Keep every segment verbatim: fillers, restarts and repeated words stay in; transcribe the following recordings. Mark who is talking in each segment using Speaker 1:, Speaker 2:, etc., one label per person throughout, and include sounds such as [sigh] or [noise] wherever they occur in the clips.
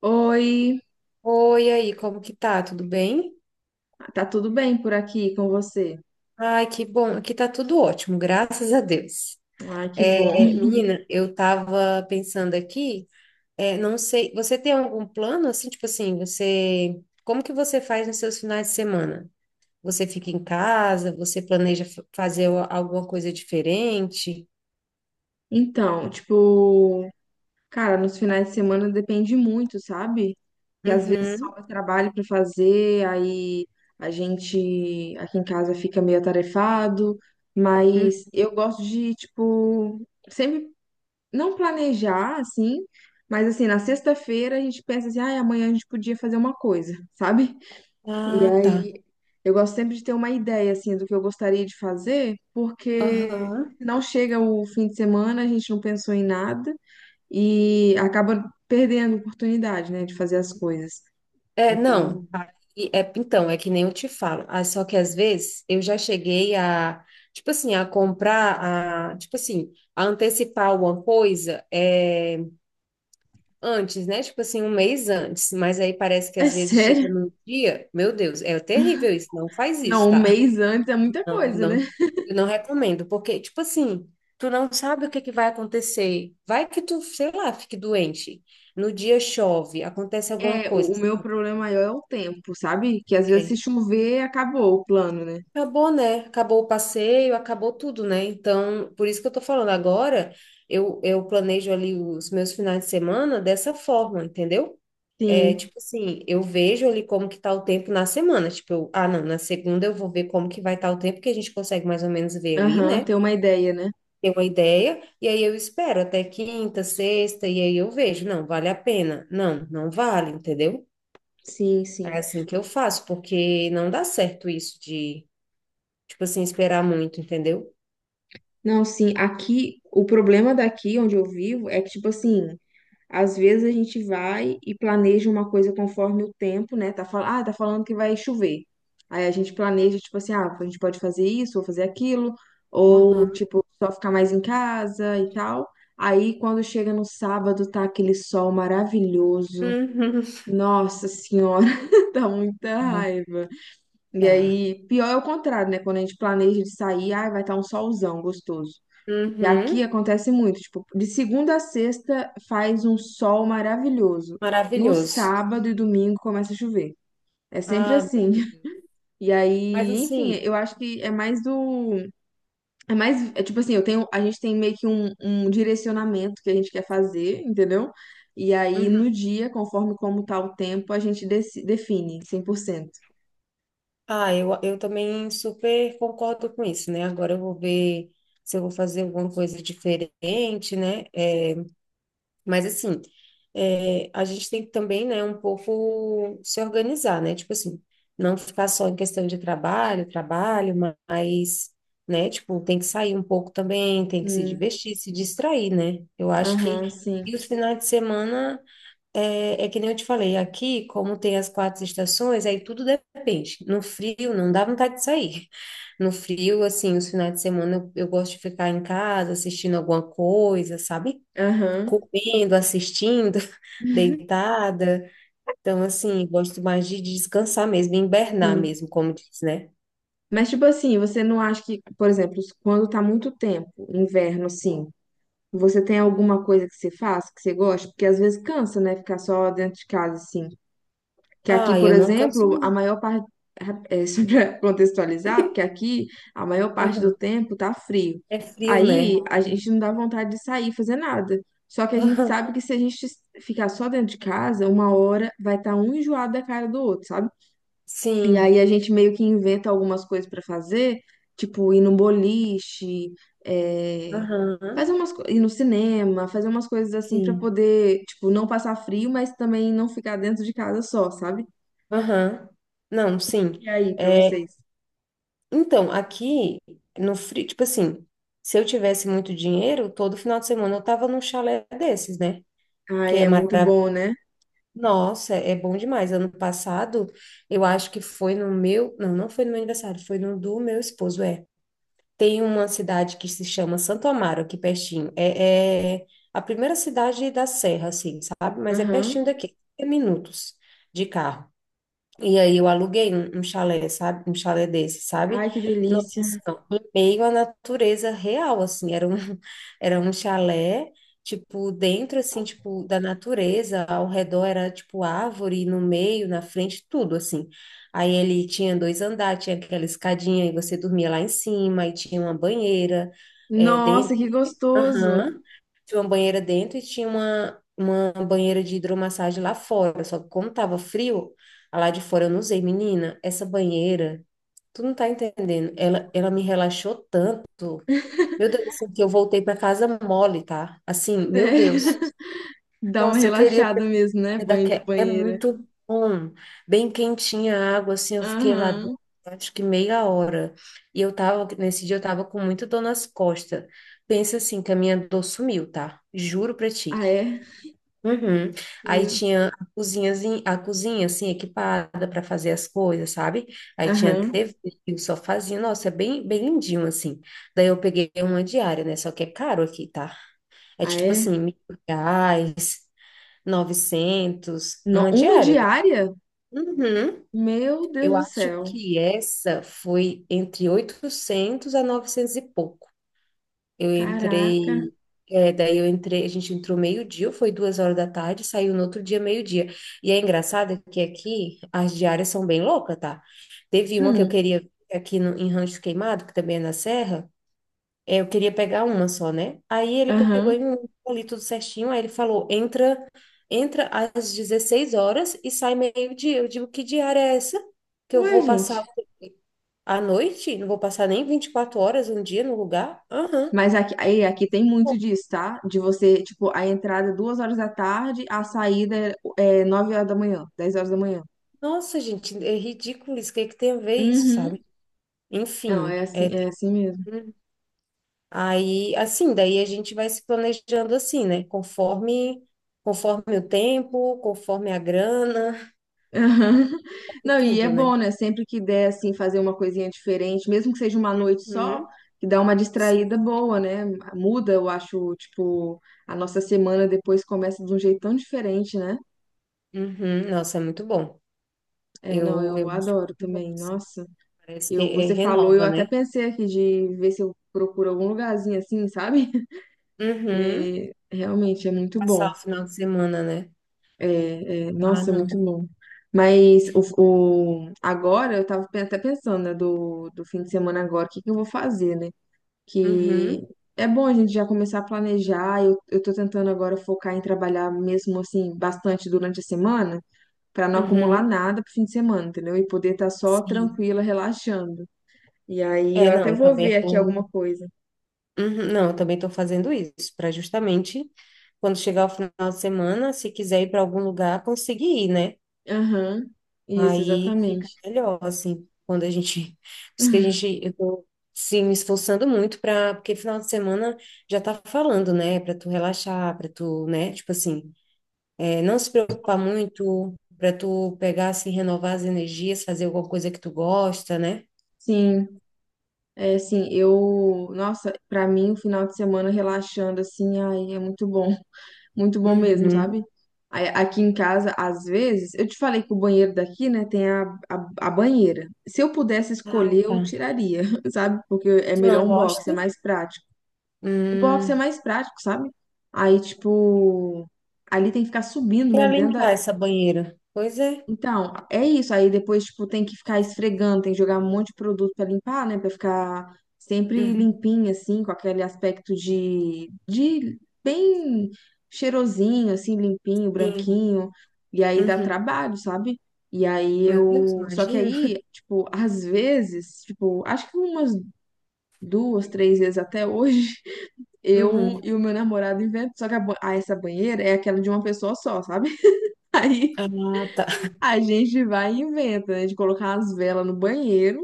Speaker 1: Oi,
Speaker 2: Oi, e aí, como que tá? Tudo bem?
Speaker 1: tá tudo bem por aqui com você?
Speaker 2: Ai, que bom. Aqui tá tudo ótimo, graças a Deus.
Speaker 1: Ai, que bom.
Speaker 2: É, menina, eu tava pensando aqui, é, não sei, você tem algum plano assim, tipo assim, você, como que você faz nos seus finais de semana? Você fica em casa? Você planeja fa- fazer a- alguma coisa diferente?
Speaker 1: Então, tipo, cara, nos finais de semana depende muito, sabe?
Speaker 2: Uhum.
Speaker 1: Sobra trabalho pra fazer, aí a gente aqui em casa fica meio atarefado,
Speaker 2: Uhum.
Speaker 1: mas eu gosto de, tipo, sempre não planejar assim, mas assim, na sexta-feira a gente pensa assim, ai, amanhã a gente podia fazer uma coisa, sabe? E
Speaker 2: Ah, tá.
Speaker 1: aí, eu gosto sempre de ter uma ideia, assim, do que eu gostaria de fazer, porque
Speaker 2: Aham.
Speaker 1: não chega o fim de semana, a gente não pensou em nada e acaba perdendo a oportunidade, né, de fazer as coisas.
Speaker 2: É, não.
Speaker 1: Então,
Speaker 2: Ah, E é- então, é que nem eu te falo. Ah, só que às vezes eu já cheguei a, tipo assim, a comprar, a, tipo assim, a antecipar alguma coisa é, antes, né? Tipo assim, um mês antes. Mas aí parece
Speaker 1: [laughs]
Speaker 2: que
Speaker 1: é
Speaker 2: às vezes chega
Speaker 1: sério.
Speaker 2: num dia, meu Deus, é terrível isso. Não faz isso,
Speaker 1: Não, um
Speaker 2: tá?
Speaker 1: mês antes é muita
Speaker 2: [laughs] Não, eu
Speaker 1: coisa, né?
Speaker 2: não, eu não recomendo, porque, tipo assim, tu não sabe o que que vai acontecer. Vai que tu, sei lá, fique doente. No dia chove, acontece alguma
Speaker 1: É, o
Speaker 2: coisa.
Speaker 1: o meu problema maior é o tempo, sabe? Que às vezes se chover, acabou o plano, né?
Speaker 2: Acabou, né? Acabou o passeio, acabou tudo, né? Então, por isso que eu tô falando agora, eu, eu planejo ali os meus finais de semana dessa forma, entendeu? É
Speaker 1: Sim,
Speaker 2: tipo assim, eu vejo ali como que tá o tempo na semana. Tipo, eu, ah, não, na segunda eu vou ver como que vai estar o tempo, que a gente consegue mais ou menos ver ali,
Speaker 1: aham,
Speaker 2: né?
Speaker 1: ter uma ideia, né?
Speaker 2: Ter uma ideia, e aí eu espero até quinta, sexta, e aí eu vejo, não, vale a pena. Não, não vale, entendeu?
Speaker 1: Sim,
Speaker 2: É
Speaker 1: sim.
Speaker 2: assim que eu faço, porque não dá certo isso de, tipo assim, esperar muito, entendeu?
Speaker 1: Não, sim, aqui, o problema daqui onde eu vivo é que, tipo assim, às vezes a gente vai e planeja uma coisa conforme o tempo, né? Tá, fal- ah, tá falando que vai chover. Aí a gente planeja, tipo assim, ah, a gente pode fazer isso ou fazer aquilo, ou
Speaker 2: Aham.
Speaker 1: tipo, só ficar mais em casa e tal. Aí quando chega no sábado, tá aquele sol maravilhoso.
Speaker 2: Uhum.
Speaker 1: Nossa senhora, [laughs] dá muita
Speaker 2: É,
Speaker 1: raiva. E
Speaker 2: tá.
Speaker 1: aí, pior é o contrário, né? Quando a gente planeja de sair, ah, vai estar um solzão gostoso. E aqui
Speaker 2: Uhum.
Speaker 1: acontece muito, tipo, de segunda a sexta faz um sol maravilhoso. No
Speaker 2: Maravilhoso.
Speaker 1: sábado e domingo começa a chover. É sempre
Speaker 2: Ah, meu
Speaker 1: assim.
Speaker 2: Deus.
Speaker 1: [laughs] E
Speaker 2: Mas
Speaker 1: aí, enfim,
Speaker 2: assim.
Speaker 1: eu acho que é mais do. É mais. É tipo assim, eu tenho, a gente tem meio que um, um direcionamento que a gente quer fazer, entendeu? E aí,
Speaker 2: Uhum.
Speaker 1: no dia, conforme como tá o tempo, a gente deci- define cem por cento.
Speaker 2: Ah, eu, eu também super concordo com isso, né? Agora eu vou ver se eu vou fazer alguma coisa diferente, né? É, mas assim, é, a gente tem que também, né, um pouco se organizar, né? Tipo assim, não ficar só em questão de trabalho, trabalho, mas, né, tipo, tem que sair um pouco também, tem que se
Speaker 1: Hum,
Speaker 2: divertir, se distrair, né? Eu acho que
Speaker 1: aham, sim.
Speaker 2: e os finais de semana é, é que nem eu te falei, aqui, como tem as quatro estações, aí tudo depende. No frio, não dá vontade de sair. [laughs] No frio, assim, os finais de semana eu, eu gosto de ficar em casa assistindo alguma coisa, sabe?
Speaker 1: Aham,
Speaker 2: Comendo, assistindo, [laughs] deitada. Então, assim, gosto mais de descansar mesmo, hibernar
Speaker 1: sim.
Speaker 2: mesmo, como diz, né?
Speaker 1: Mas, tipo assim, você não acha que, por exemplo, quando tá muito tempo, inverno, assim, você tem alguma coisa que você faz, que você gosta? Porque às vezes cansa, né? Ficar só dentro de casa, assim. Que aqui,
Speaker 2: Ah,
Speaker 1: por
Speaker 2: eu não canso,
Speaker 1: exemplo, a
Speaker 2: não.
Speaker 1: maior parte. É, [laughs] só para contextualizar, porque aqui a maior parte do
Speaker 2: Aham.
Speaker 1: tempo tá frio.
Speaker 2: É frio,
Speaker 1: Aí
Speaker 2: né?
Speaker 1: a gente não dá vontade de sair fazer nada. Só que a gente
Speaker 2: Aham.
Speaker 1: sabe que se a gente ficar só dentro de casa, uma hora vai estar um enjoado da cara do outro, sabe? E
Speaker 2: Sim.
Speaker 1: aí a gente meio que inventa algumas coisas pra fazer, tipo ir no boliche, é, fazer
Speaker 2: Aham.
Speaker 1: umas co- ir no cinema, fazer umas coisas assim pra
Speaker 2: Sim.
Speaker 1: poder, tipo, não passar frio, mas também não ficar dentro de casa só, sabe?
Speaker 2: Aham. Não, sim.
Speaker 1: E aí, pra
Speaker 2: É,
Speaker 1: vocês?
Speaker 2: então, aqui no frio, tipo assim, se eu tivesse muito dinheiro, todo final de semana eu tava num chalé desses, né? Que
Speaker 1: Ai,
Speaker 2: é
Speaker 1: é muito
Speaker 2: maravilhoso.
Speaker 1: bom, né?
Speaker 2: Nossa, é bom demais. Ano passado, eu acho que foi no meu, não, não foi no meu aniversário, foi no do meu esposo, é. Tem uma cidade que se chama Santo Amaro, aqui pertinho. É, é a primeira cidade da Serra, assim, sabe? Mas é
Speaker 1: Aham.
Speaker 2: pertinho daqui, é minutos de carro. E aí eu aluguei um, um chalé, sabe? Um chalé desse, sabe?
Speaker 1: Ai, que
Speaker 2: Nossa, assim,
Speaker 1: delícia.
Speaker 2: ó, em meio à natureza real, assim, era um, [laughs] era um chalé, tipo, dentro, assim, tipo, da natureza, ao redor era, tipo, árvore, no meio, na frente, tudo, assim. Aí ele tinha dois andares, tinha aquela escadinha, e você dormia lá em cima, e tinha uma banheira.
Speaker 1: Nossa, que gostoso.
Speaker 2: Aham. Tinha uma banheira dentro e tinha uma, uma banheira de hidromassagem lá fora. Só que como tava frio, a lá de fora eu não usei. Menina, essa banheira, tu não tá entendendo. Ela, ela me relaxou tanto. Meu Deus, assim, que eu voltei para casa mole, tá? Assim,
Speaker 1: Sério.
Speaker 2: meu Deus.
Speaker 1: [laughs] Dá uma
Speaker 2: Nossa, eu queria
Speaker 1: relaxada mesmo, né?
Speaker 2: é,
Speaker 1: Banho de
Speaker 2: daque- é
Speaker 1: banheira.
Speaker 2: muito bom, bem quentinha a água, assim, eu fiquei lá
Speaker 1: Aham.
Speaker 2: acho que meia hora. E eu tava, nesse dia eu tava com muito dor nas costas. Pensa assim, que a minha dor sumiu, tá? Juro pra ti.
Speaker 1: Ah, é?
Speaker 2: Uhum. Aí
Speaker 1: Meu.
Speaker 2: tinha a cozinhazinha, a cozinha assim equipada para fazer as coisas, sabe? Aí tinha a
Speaker 1: Aham.
Speaker 2: T V e o sofazinho, nossa, é bem, bem lindinho assim. Daí eu peguei uma diária, né? Só que é caro aqui, tá? É
Speaker 1: Ah,
Speaker 2: tipo
Speaker 1: é?
Speaker 2: assim, mil reais, novecentos
Speaker 1: No-
Speaker 2: uma
Speaker 1: Uma
Speaker 2: diária.
Speaker 1: diária?
Speaker 2: Uhum.
Speaker 1: Meu
Speaker 2: Eu
Speaker 1: Deus do
Speaker 2: acho
Speaker 1: céu.
Speaker 2: que essa foi entre oitocentos a novecentos e pouco. Eu
Speaker 1: Caraca.
Speaker 2: entrei, é, daí eu entrei, a gente entrou meio-dia, foi duas horas da tarde, saiu no outro dia meio-dia. E é engraçado que aqui as diárias são bem loucas, tá? Teve uma que eu
Speaker 1: Hum,
Speaker 2: queria ver aqui no, em Rancho Queimado, que também é na Serra, é, eu queria pegar uma só, né? Aí ele pegou e
Speaker 1: aham.
Speaker 2: me deu ali tudo certinho. Aí ele falou: entra, entra às dezesseis horas e sai meio-dia. Eu digo: que diária é essa? Que eu
Speaker 1: Ué,
Speaker 2: vou
Speaker 1: gente.
Speaker 2: passar a noite? Não vou passar nem vinte e quatro horas um dia no lugar? Aham.
Speaker 1: Mas aqui, aí, aqui tem muito
Speaker 2: Pô,
Speaker 1: disso, tá? De você, tipo, a entrada é duas horas da tarde, a saída é é nove horas da manhã, dez horas da manhã.
Speaker 2: nossa, gente, é ridículo isso. O que é que tem a ver isso,
Speaker 1: Uhum.
Speaker 2: sabe?
Speaker 1: Não,
Speaker 2: Enfim,
Speaker 1: é assim,
Speaker 2: é,
Speaker 1: é
Speaker 2: tem-
Speaker 1: assim mesmo.
Speaker 2: aí, assim, daí a gente vai se planejando assim, né? Conforme, conforme o tempo, conforme a grana
Speaker 1: Aham. [laughs]
Speaker 2: e
Speaker 1: Não, e é
Speaker 2: tudo, né?
Speaker 1: bom, né? Sempre que der, assim, fazer uma coisinha diferente, mesmo que seja uma noite só,
Speaker 2: Uhum.
Speaker 1: que dá uma
Speaker 2: Sim.
Speaker 1: distraída boa, né? Muda, eu acho, tipo, a nossa semana depois começa de um jeito tão diferente, né?
Speaker 2: Uhum, nossa, é muito bom.
Speaker 1: É, não,
Speaker 2: Eu,
Speaker 1: eu
Speaker 2: eu acho
Speaker 1: adoro
Speaker 2: muito bom,
Speaker 1: também.
Speaker 2: assim.
Speaker 1: Nossa,
Speaker 2: Parece que
Speaker 1: eu,
Speaker 2: é,
Speaker 1: você falou, eu
Speaker 2: renova,
Speaker 1: até
Speaker 2: né?
Speaker 1: pensei aqui de ver se eu procuro algum lugarzinho assim, sabe? [laughs]
Speaker 2: Uhum.
Speaker 1: Porque realmente é muito
Speaker 2: Passar
Speaker 1: bom.
Speaker 2: o final de semana, né?
Speaker 1: É, é,
Speaker 2: Ah,
Speaker 1: nossa, é muito
Speaker 2: não.
Speaker 1: bom. Mas o, o- agora eu tava pe- até pensando, né, do, do fim de semana agora, o que que eu vou fazer, né? Que
Speaker 2: Uhum,
Speaker 1: é bom a gente já começar a planejar. Eu, eu tô tentando agora focar em trabalhar mesmo assim bastante durante a semana. Pra não acumular
Speaker 2: uhum.
Speaker 1: nada pro fim de semana, entendeu? E poder estar só
Speaker 2: Sim.
Speaker 1: tranquila, relaxando. E aí
Speaker 2: É,
Speaker 1: eu
Speaker 2: não,
Speaker 1: até
Speaker 2: eu
Speaker 1: vou
Speaker 2: também
Speaker 1: ver aqui
Speaker 2: tô.
Speaker 1: alguma coisa.
Speaker 2: Uhum, não, eu também tô fazendo isso, para justamente quando chegar o final de semana, se quiser ir para algum lugar, conseguir ir, né?
Speaker 1: Aham, isso,
Speaker 2: Aí fica
Speaker 1: exatamente.
Speaker 2: melhor, assim, quando a gente. Por isso que a
Speaker 1: [laughs]
Speaker 2: gente. Eu tô, sim, me esforçando muito pra. Porque final de semana já tá falando, né? Pra tu relaxar, pra tu, né? Tipo assim, é, não se preocupar muito, pra tu pegar, assim, renovar as energias, fazer alguma coisa que tu gosta, né?
Speaker 1: Sim, é assim, eu, nossa, pra mim o final de semana relaxando assim, ai, é muito bom, [laughs] muito bom mesmo,
Speaker 2: Uhum.
Speaker 1: sabe? Aí, aqui em casa, às vezes, eu te falei que o banheiro daqui, né, tem a, a, a banheira. Se eu pudesse
Speaker 2: Ah,
Speaker 1: escolher,
Speaker 2: tá.
Speaker 1: eu tiraria, [laughs] sabe? Porque é
Speaker 2: Tu
Speaker 1: melhor
Speaker 2: não
Speaker 1: um box, é
Speaker 2: gosta?
Speaker 1: mais prático. O box é
Speaker 2: Hum,
Speaker 1: mais prático, sabe? Aí, tipo, ali tem que ficar subindo
Speaker 2: pra
Speaker 1: mesmo dentro da,
Speaker 2: limpar essa banheira. Pois é.
Speaker 1: então, é isso. Aí depois, tipo, tem que ficar esfregando, tem que jogar um monte de produto pra limpar, né? Pra ficar sempre
Speaker 2: Uhum.
Speaker 1: limpinho, assim, com aquele aspecto de, de bem cheirosinho, assim, limpinho,
Speaker 2: Sim.
Speaker 1: branquinho. E aí dá
Speaker 2: Uhum.
Speaker 1: trabalho, sabe? E aí
Speaker 2: Meu Deus,
Speaker 1: eu. Só que
Speaker 2: imagina.
Speaker 1: aí, tipo, às vezes, tipo, acho que umas duas, três vezes até hoje, [laughs] eu
Speaker 2: Uhum.
Speaker 1: e o meu namorado inventam. Só que a, ba- ah, essa banheira é aquela de uma pessoa só, sabe? [laughs] Aí.
Speaker 2: Ah, tá.
Speaker 1: A gente vai e inventa, né? De colocar as velas no banheiro.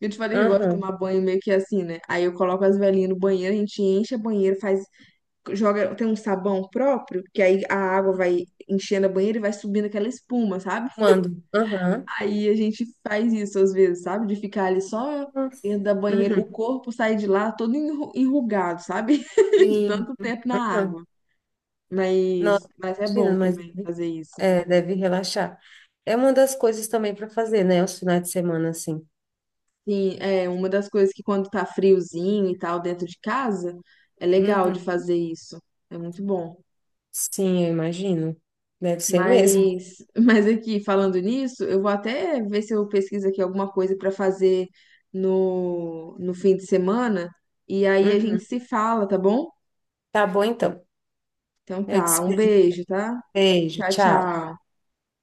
Speaker 1: Eu te falei que eu gosto de
Speaker 2: Aham.
Speaker 1: tomar banho meio que assim, né? Aí eu coloco as velinhas no banheiro, a gente enche a banheira, faz, joga, tem um sabão próprio, que aí a água vai enchendo a banheira e vai subindo aquela espuma, sabe?
Speaker 2: Mando. Aham.
Speaker 1: Aí a gente faz isso às vezes, sabe? De ficar ali só
Speaker 2: Nossa.
Speaker 1: dentro da banheira, o
Speaker 2: Uhum.
Speaker 1: corpo sai de lá todo enru- enrugado, sabe? [laughs] De
Speaker 2: Sim.
Speaker 1: tanto tempo na
Speaker 2: Aham.
Speaker 1: água. Mas,
Speaker 2: Nossa,
Speaker 1: mas é
Speaker 2: imagina,
Speaker 1: bom
Speaker 2: mas
Speaker 1: também
Speaker 2: deve-
Speaker 1: fazer isso.
Speaker 2: é, deve relaxar. É uma das coisas também para fazer, né? Os finais de semana, assim.
Speaker 1: Sim, é uma das coisas que quando tá friozinho e tal dentro de casa, é legal de
Speaker 2: Uhum.
Speaker 1: fazer isso. É muito bom.
Speaker 2: Sim, eu imagino. Deve ser mesmo.
Speaker 1: Mas, [laughs] mas aqui, falando nisso, eu vou até ver se eu pesquiso aqui alguma coisa para fazer no, no fim de semana. E aí a gente se
Speaker 2: Uhum.
Speaker 1: fala, tá bom?
Speaker 2: Tá bom, então.
Speaker 1: Então
Speaker 2: Eu te
Speaker 1: tá, um
Speaker 2: espero.
Speaker 1: beijo, tá?
Speaker 2: Beijo,
Speaker 1: Tchau,
Speaker 2: tchau.
Speaker 1: tchau.